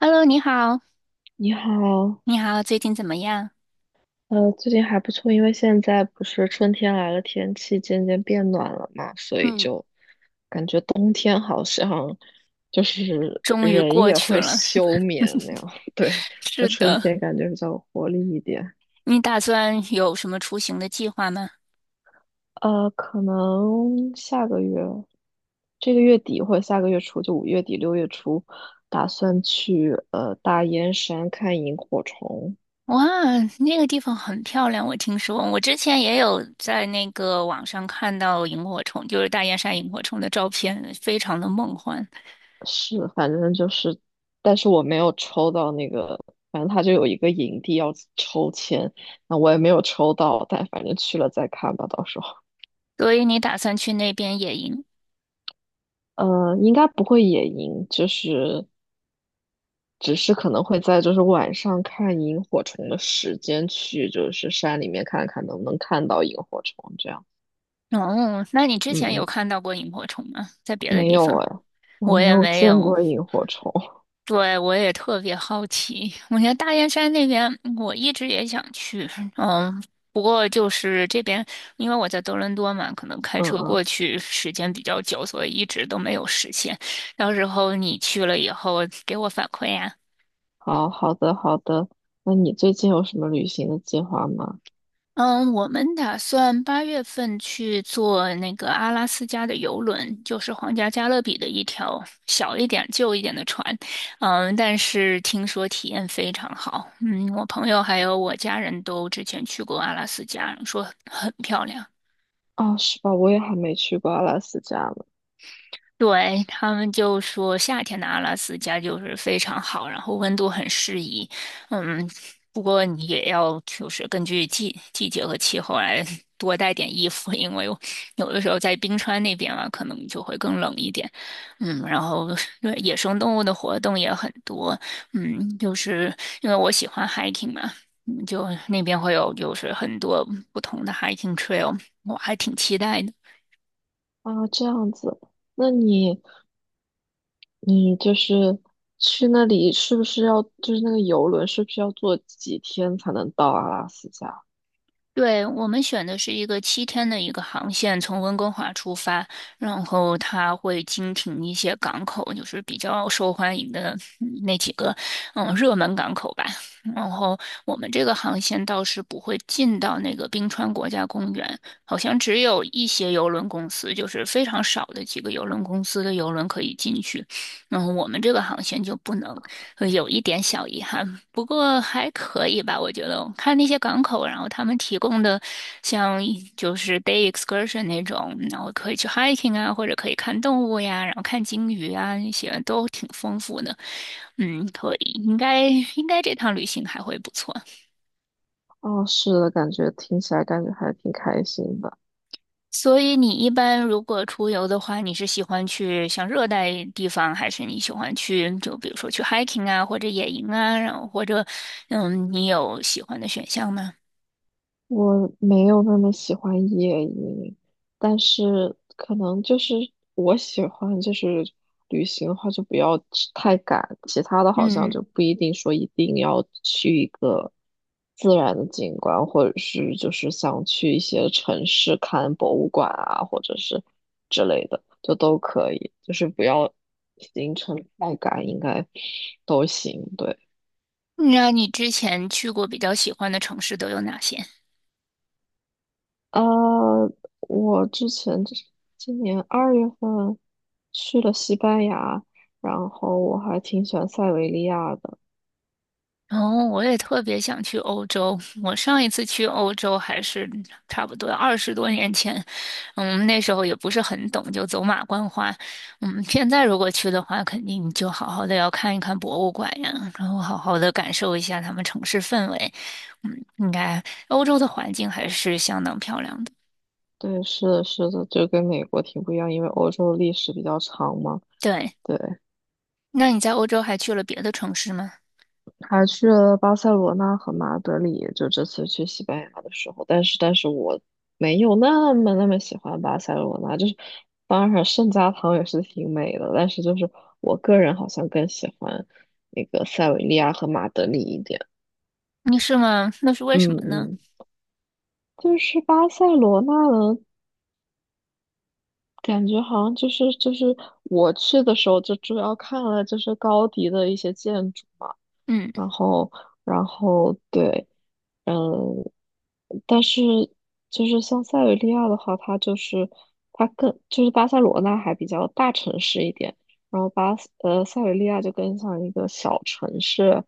Hello，你好，你好，你好，最近怎么样？最近还不错，因为现在不是春天来了，天气渐渐变暖了嘛，所以嗯，就感觉冬天好像就是终于人过也去会了，是吗？休眠那 样，对，那是春的，天感觉比较有活力一点。你打算有什么出行的计划吗？可能下个月，这个月底或者下个月初，就5月底6月初，打算去大燕山看萤火虫。哇，那个地方很漂亮，我听说，我之前也有在那个网上看到萤火虫，就是大雁山萤火虫的照片，非常的梦幻。是，反正就是，但是我没有抽到那个，反正他就有一个营地要抽签，那我也没有抽到，但反正去了再看吧，到时候，所以你打算去那边野营？应该不会野营，就是只是可能会在就是晚上看萤火虫的时间去，就是山里面看看能不能看到萤火虫这样。哦，那你之嗯前有嗯，看到过萤火虫吗？在别的没地有方？哎，我我没也有没见有，过萤火虫。对，我也特别好奇。我觉得大雁山那边，我一直也想去，嗯，不过就是这边，因为我在多伦多嘛，可能开嗯车过嗯，去时间比较久，所以一直都没有实现。到时候你去了以后给我反馈呀、好好的好的，那你最近有什么旅行的计划吗？嗯，我们打算8月份去坐那个阿拉斯加的游轮，就是皇家加勒比的一条小一点、旧一点的船。嗯，但是听说体验非常好。嗯，我朋友还有我家人都之前去过阿拉斯加，说很漂亮。啊，是吧？我也还没去过阿拉斯加呢。对，他们就说夏天的阿拉斯加就是非常好，然后温度很适宜。嗯，不过你也要就是根据季节和气候来多带点衣服，因为有的时候在冰川那边啊，可能就会更冷一点。嗯，然后对野生动物的活动也很多。嗯，就是因为我喜欢 hiking 嘛，嗯就那边会有就是很多不同的 hiking trail，我还挺期待的。啊，这样子，那你就是去那里，是不是要就是那个游轮，是不是要坐几天才能到阿拉斯加？对，我们选的是一个7天的一个航线，从温哥华出发，然后它会经停一些港口，就是比较受欢迎的嗯那几个，嗯，热门港口吧。然后我们这个航线倒是不会进到那个冰川国家公园，好像只有一些邮轮公司，就是非常少的几个邮轮公司的邮轮可以进去。然后我们这个航线就不能。有一点小遗憾，不过还可以吧，我觉得。看那些港口，然后他们提供的像就是 day excursion 那种，然后可以去 hiking 啊，或者可以看动物呀，然后看鲸鱼啊，那些都挺丰富的。嗯，可以，应该应该这趟旅行还会不错。哦，是的，感觉听起来感觉还挺开心的。所以你一般如果出游的话，你是喜欢去像热带地方，还是你喜欢去就比如说去 hiking 啊，或者野营啊，然后或者嗯，你有喜欢的选项吗？我没有那么喜欢夜鹰，但是可能就是我喜欢就是旅行的话就不要去太赶，其他的好像嗯，就不一定说一定要去一个自然的景观，或者是就是想去一些城市看博物馆啊，或者是之类的，就都可以，就是不要行程太赶，应该都行，对。那你之前去过比较喜欢的城市都有哪些？呃，我之前就是今年二月份，去了西班牙，然后我还挺喜欢塞维利亚的。然后我也特别想去欧洲。我上一次去欧洲还是差不多20多年前，嗯，那时候也不是很懂，就走马观花。嗯，现在如果去的话，肯定就好好的要看一看博物馆呀，然后好好的感受一下他们城市氛围。嗯，应该欧洲的环境还是相当漂亮的。对，是的，是的，就跟美国挺不一样，因为欧洲历史比较长嘛。对，对，那你在欧洲还去了别的城市吗？还去了巴塞罗那和马德里，就这次去西班牙的时候。但是我没有那么那么喜欢巴塞罗那，就是当然圣家堂也是挺美的，但是就是我个人好像更喜欢那个塞维利亚和马德里一点。你是吗？那是为什嗯么呢？嗯。就是巴塞罗那呢，感觉好像就是我去的时候就主要看了就是高迪的一些建筑。嗯。然后，然后对，嗯，但是就是像塞维利亚的话，它就是它更就是巴塞罗那还比较大城市一点，然后塞维利亚就更像一个小城市，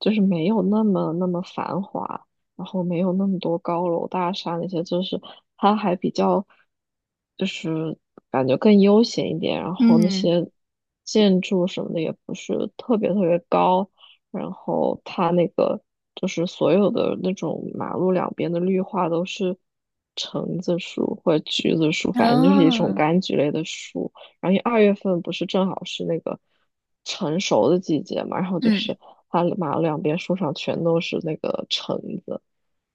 就是没有那么那么繁华，然后没有那么多高楼大厦那些，就是它还比较就是感觉更悠闲一点，然后那嗯些建筑什么的也不是特别特别高。然后它那个就是所有的那种马路两边的绿化都是橙子树或者橘子树，反正就是一种哦，柑橘类的树。然后因为二月份不是正好是那个成熟的季节嘛，然后就嗯是它马路两边树上全都是那个橙子，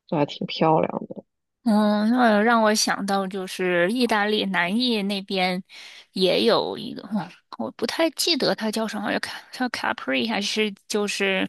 就还挺漂亮的。哦，那让我想到就是意大利南意那边也有一个，哦，我不太记得它叫什么，叫 Capri 还是就是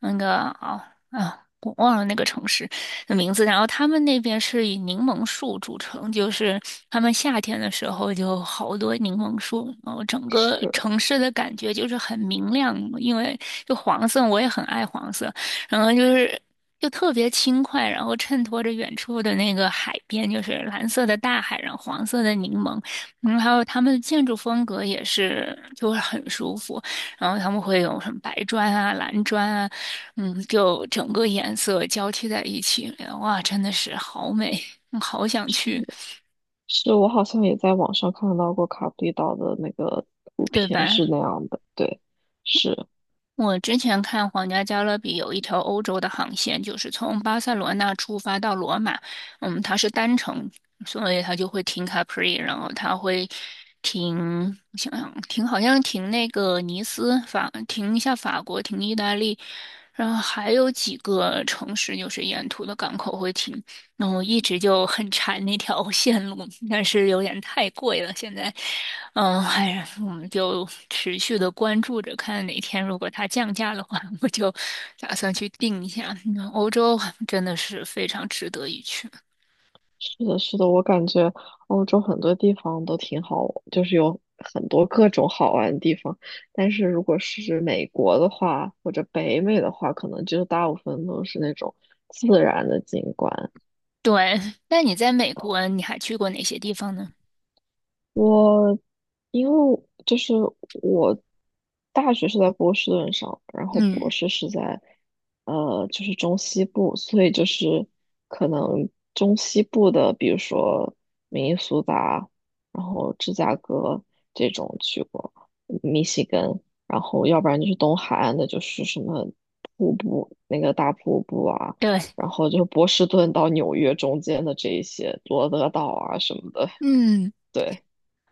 那个哦啊，我忘了那个城市的名字。然后他们那边是以柠檬树著称，就是他们夏天的时候就好多柠檬树，然后整个是城市的感觉就是很明亮，因为就黄色，我也很爱黄色。然后就是就特别轻快，然后衬托着远处的那个海边，就是蓝色的大海，然后黄色的柠檬，嗯，还有他们的建筑风格也是，就是很舒服。然后他们会有什么白砖啊、蓝砖啊，嗯，就整个颜色交替在一起，哇，真的是好美，嗯好想去，是，我好像也在网上看到过卡布里岛的那个图对片吧？是那样的，对，是。我之前看皇家加勒比有一条欧洲的航线，就是从巴塞罗那出发到罗马，嗯，它是单程，所以它就会停卡普里，然后它会停，我想想，停好像停那个尼斯，停一下法国，停意大利，然后还有几个城市就是沿途的港口会停，那我一直就很馋那条线路，但是有点太贵了，现在。嗯，哎呀，我们就持续的关注着，看哪天如果它降价的话，我就打算去订一下。嗯欧洲真的是非常值得一去。是的，是的，我感觉欧洲很多地方都挺好，就是有很多各种好玩的地方。但是如果是美国的话，或者北美的话，可能就大部分都是那种自然的景观。对，那你在美国，你还去过哪些地方呢？我因为就是我大学是在波士顿上，然后博嗯，士是在就是中西部，所以就是可能中西部的，比如说明尼苏达，然后芝加哥这种去过，密西根，然后要不然就是东海岸的，就是什么瀑布那个大瀑布啊，对，然后就波士顿到纽约中间的这一些罗德岛啊什么的，嗯，对。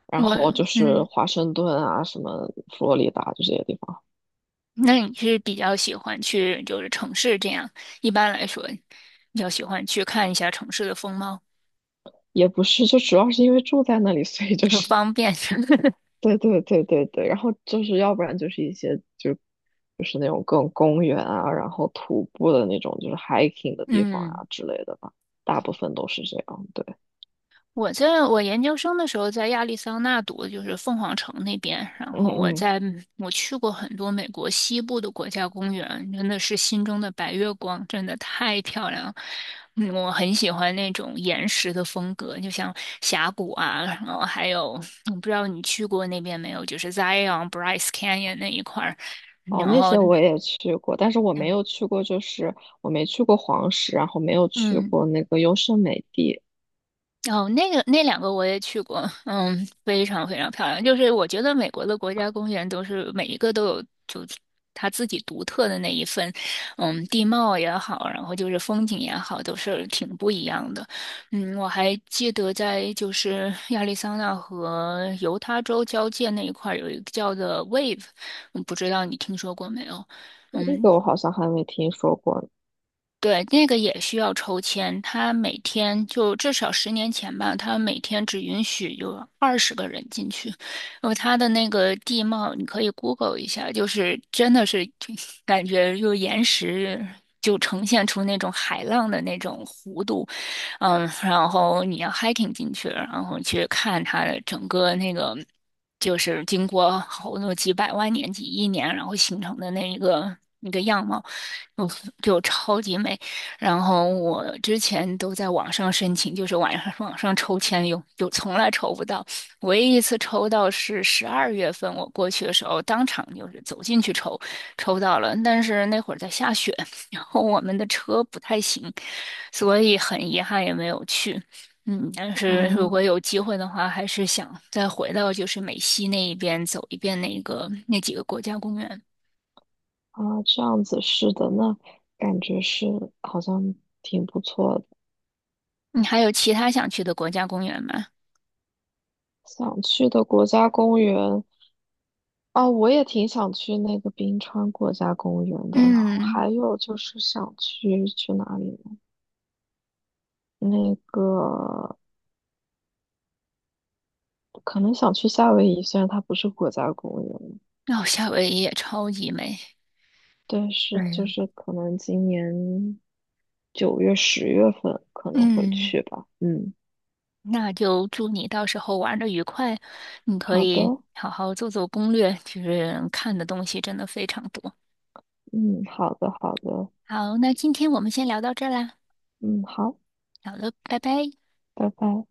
然我，后就是嗯，华盛顿啊，什么佛罗里达就这些地方，那你是比较喜欢去就是城市这样？一般来说，比较喜欢去看一下城市的风貌，也不是，就主要是因为住在那里，所以就很是，方便。对对对对对，然后就是要不然就是一些就是那种各种公园啊，然后徒步的那种就是 hiking 的地方嗯啊之类的吧，大部分都是这样，对，我在我研究生的时候在亚利桑那读的就是凤凰城那边，然嗯后我嗯。在我去过很多美国西部的国家公园，真的是心中的白月光，真的太漂亮了嗯我很喜欢那种岩石的风格，就像峡谷啊，然后还有我不知道你去过那边没有，就是 Zion Bryce Canyon 那一块儿，哦，然那后些我也去过，但是我没嗯。有去过，就是我没去过黄石，然后没有去嗯过那个优胜美地，哦，那个那两个我也去过，嗯，非常非常漂亮。就是我觉得美国的国家公园都是每一个都有，就是它自己独特的那一份，嗯，地貌也好，然后就是风景也好，都是挺不一样的。嗯，我还记得在就是亚利桑那和犹他州交界那一块儿有一个叫做 Wave，我不知道你听说过没有？那嗯，个我好像还没听说过呢对，那个也需要抽签，他每天就至少10年前吧，他每天只允许有20个人进去。然后他的那个地貌，你可以 Google 一下，就是真的是就感觉就岩石就呈现出那种海浪的那种弧度，嗯，然后你要 hiking 进去，然后去看它的整个那个。就是经过好多几百万年、几亿年，然后形成的那一个那个样貌。就就超级美，然后我之前都在网上申请，就是网上抽签从来抽不到，唯一一次抽到是12月份我过去的时候，当场就是走进去抽，抽到了，但是那会儿在下雪，然后我们的车不太行，所以很遗憾也没有去。嗯，但是如果啊。有机会的话，还是想再回到就是美西那一边走一遍那个那几个国家公园。啊，这样子是的，那感觉是好像挺不错的。你还有其他想去的国家公园吗？想去的国家公园啊，我也挺想去那个冰川国家公园的。然后嗯，还有就是想去哪里呢？那个可能想去夏威夷，虽然它不是国家公园，哦，夏威夷也超级美。但是对呀，就是可能今年9月、10月份可能会嗯，去吧。嗯，那就祝你到时候玩的愉快。你可好以的，好好做做攻略，就是看的东西真的非常多。嗯，好的，好的，好，那今天我们先聊到这儿啦，嗯，好，好了，拜拜。拜拜。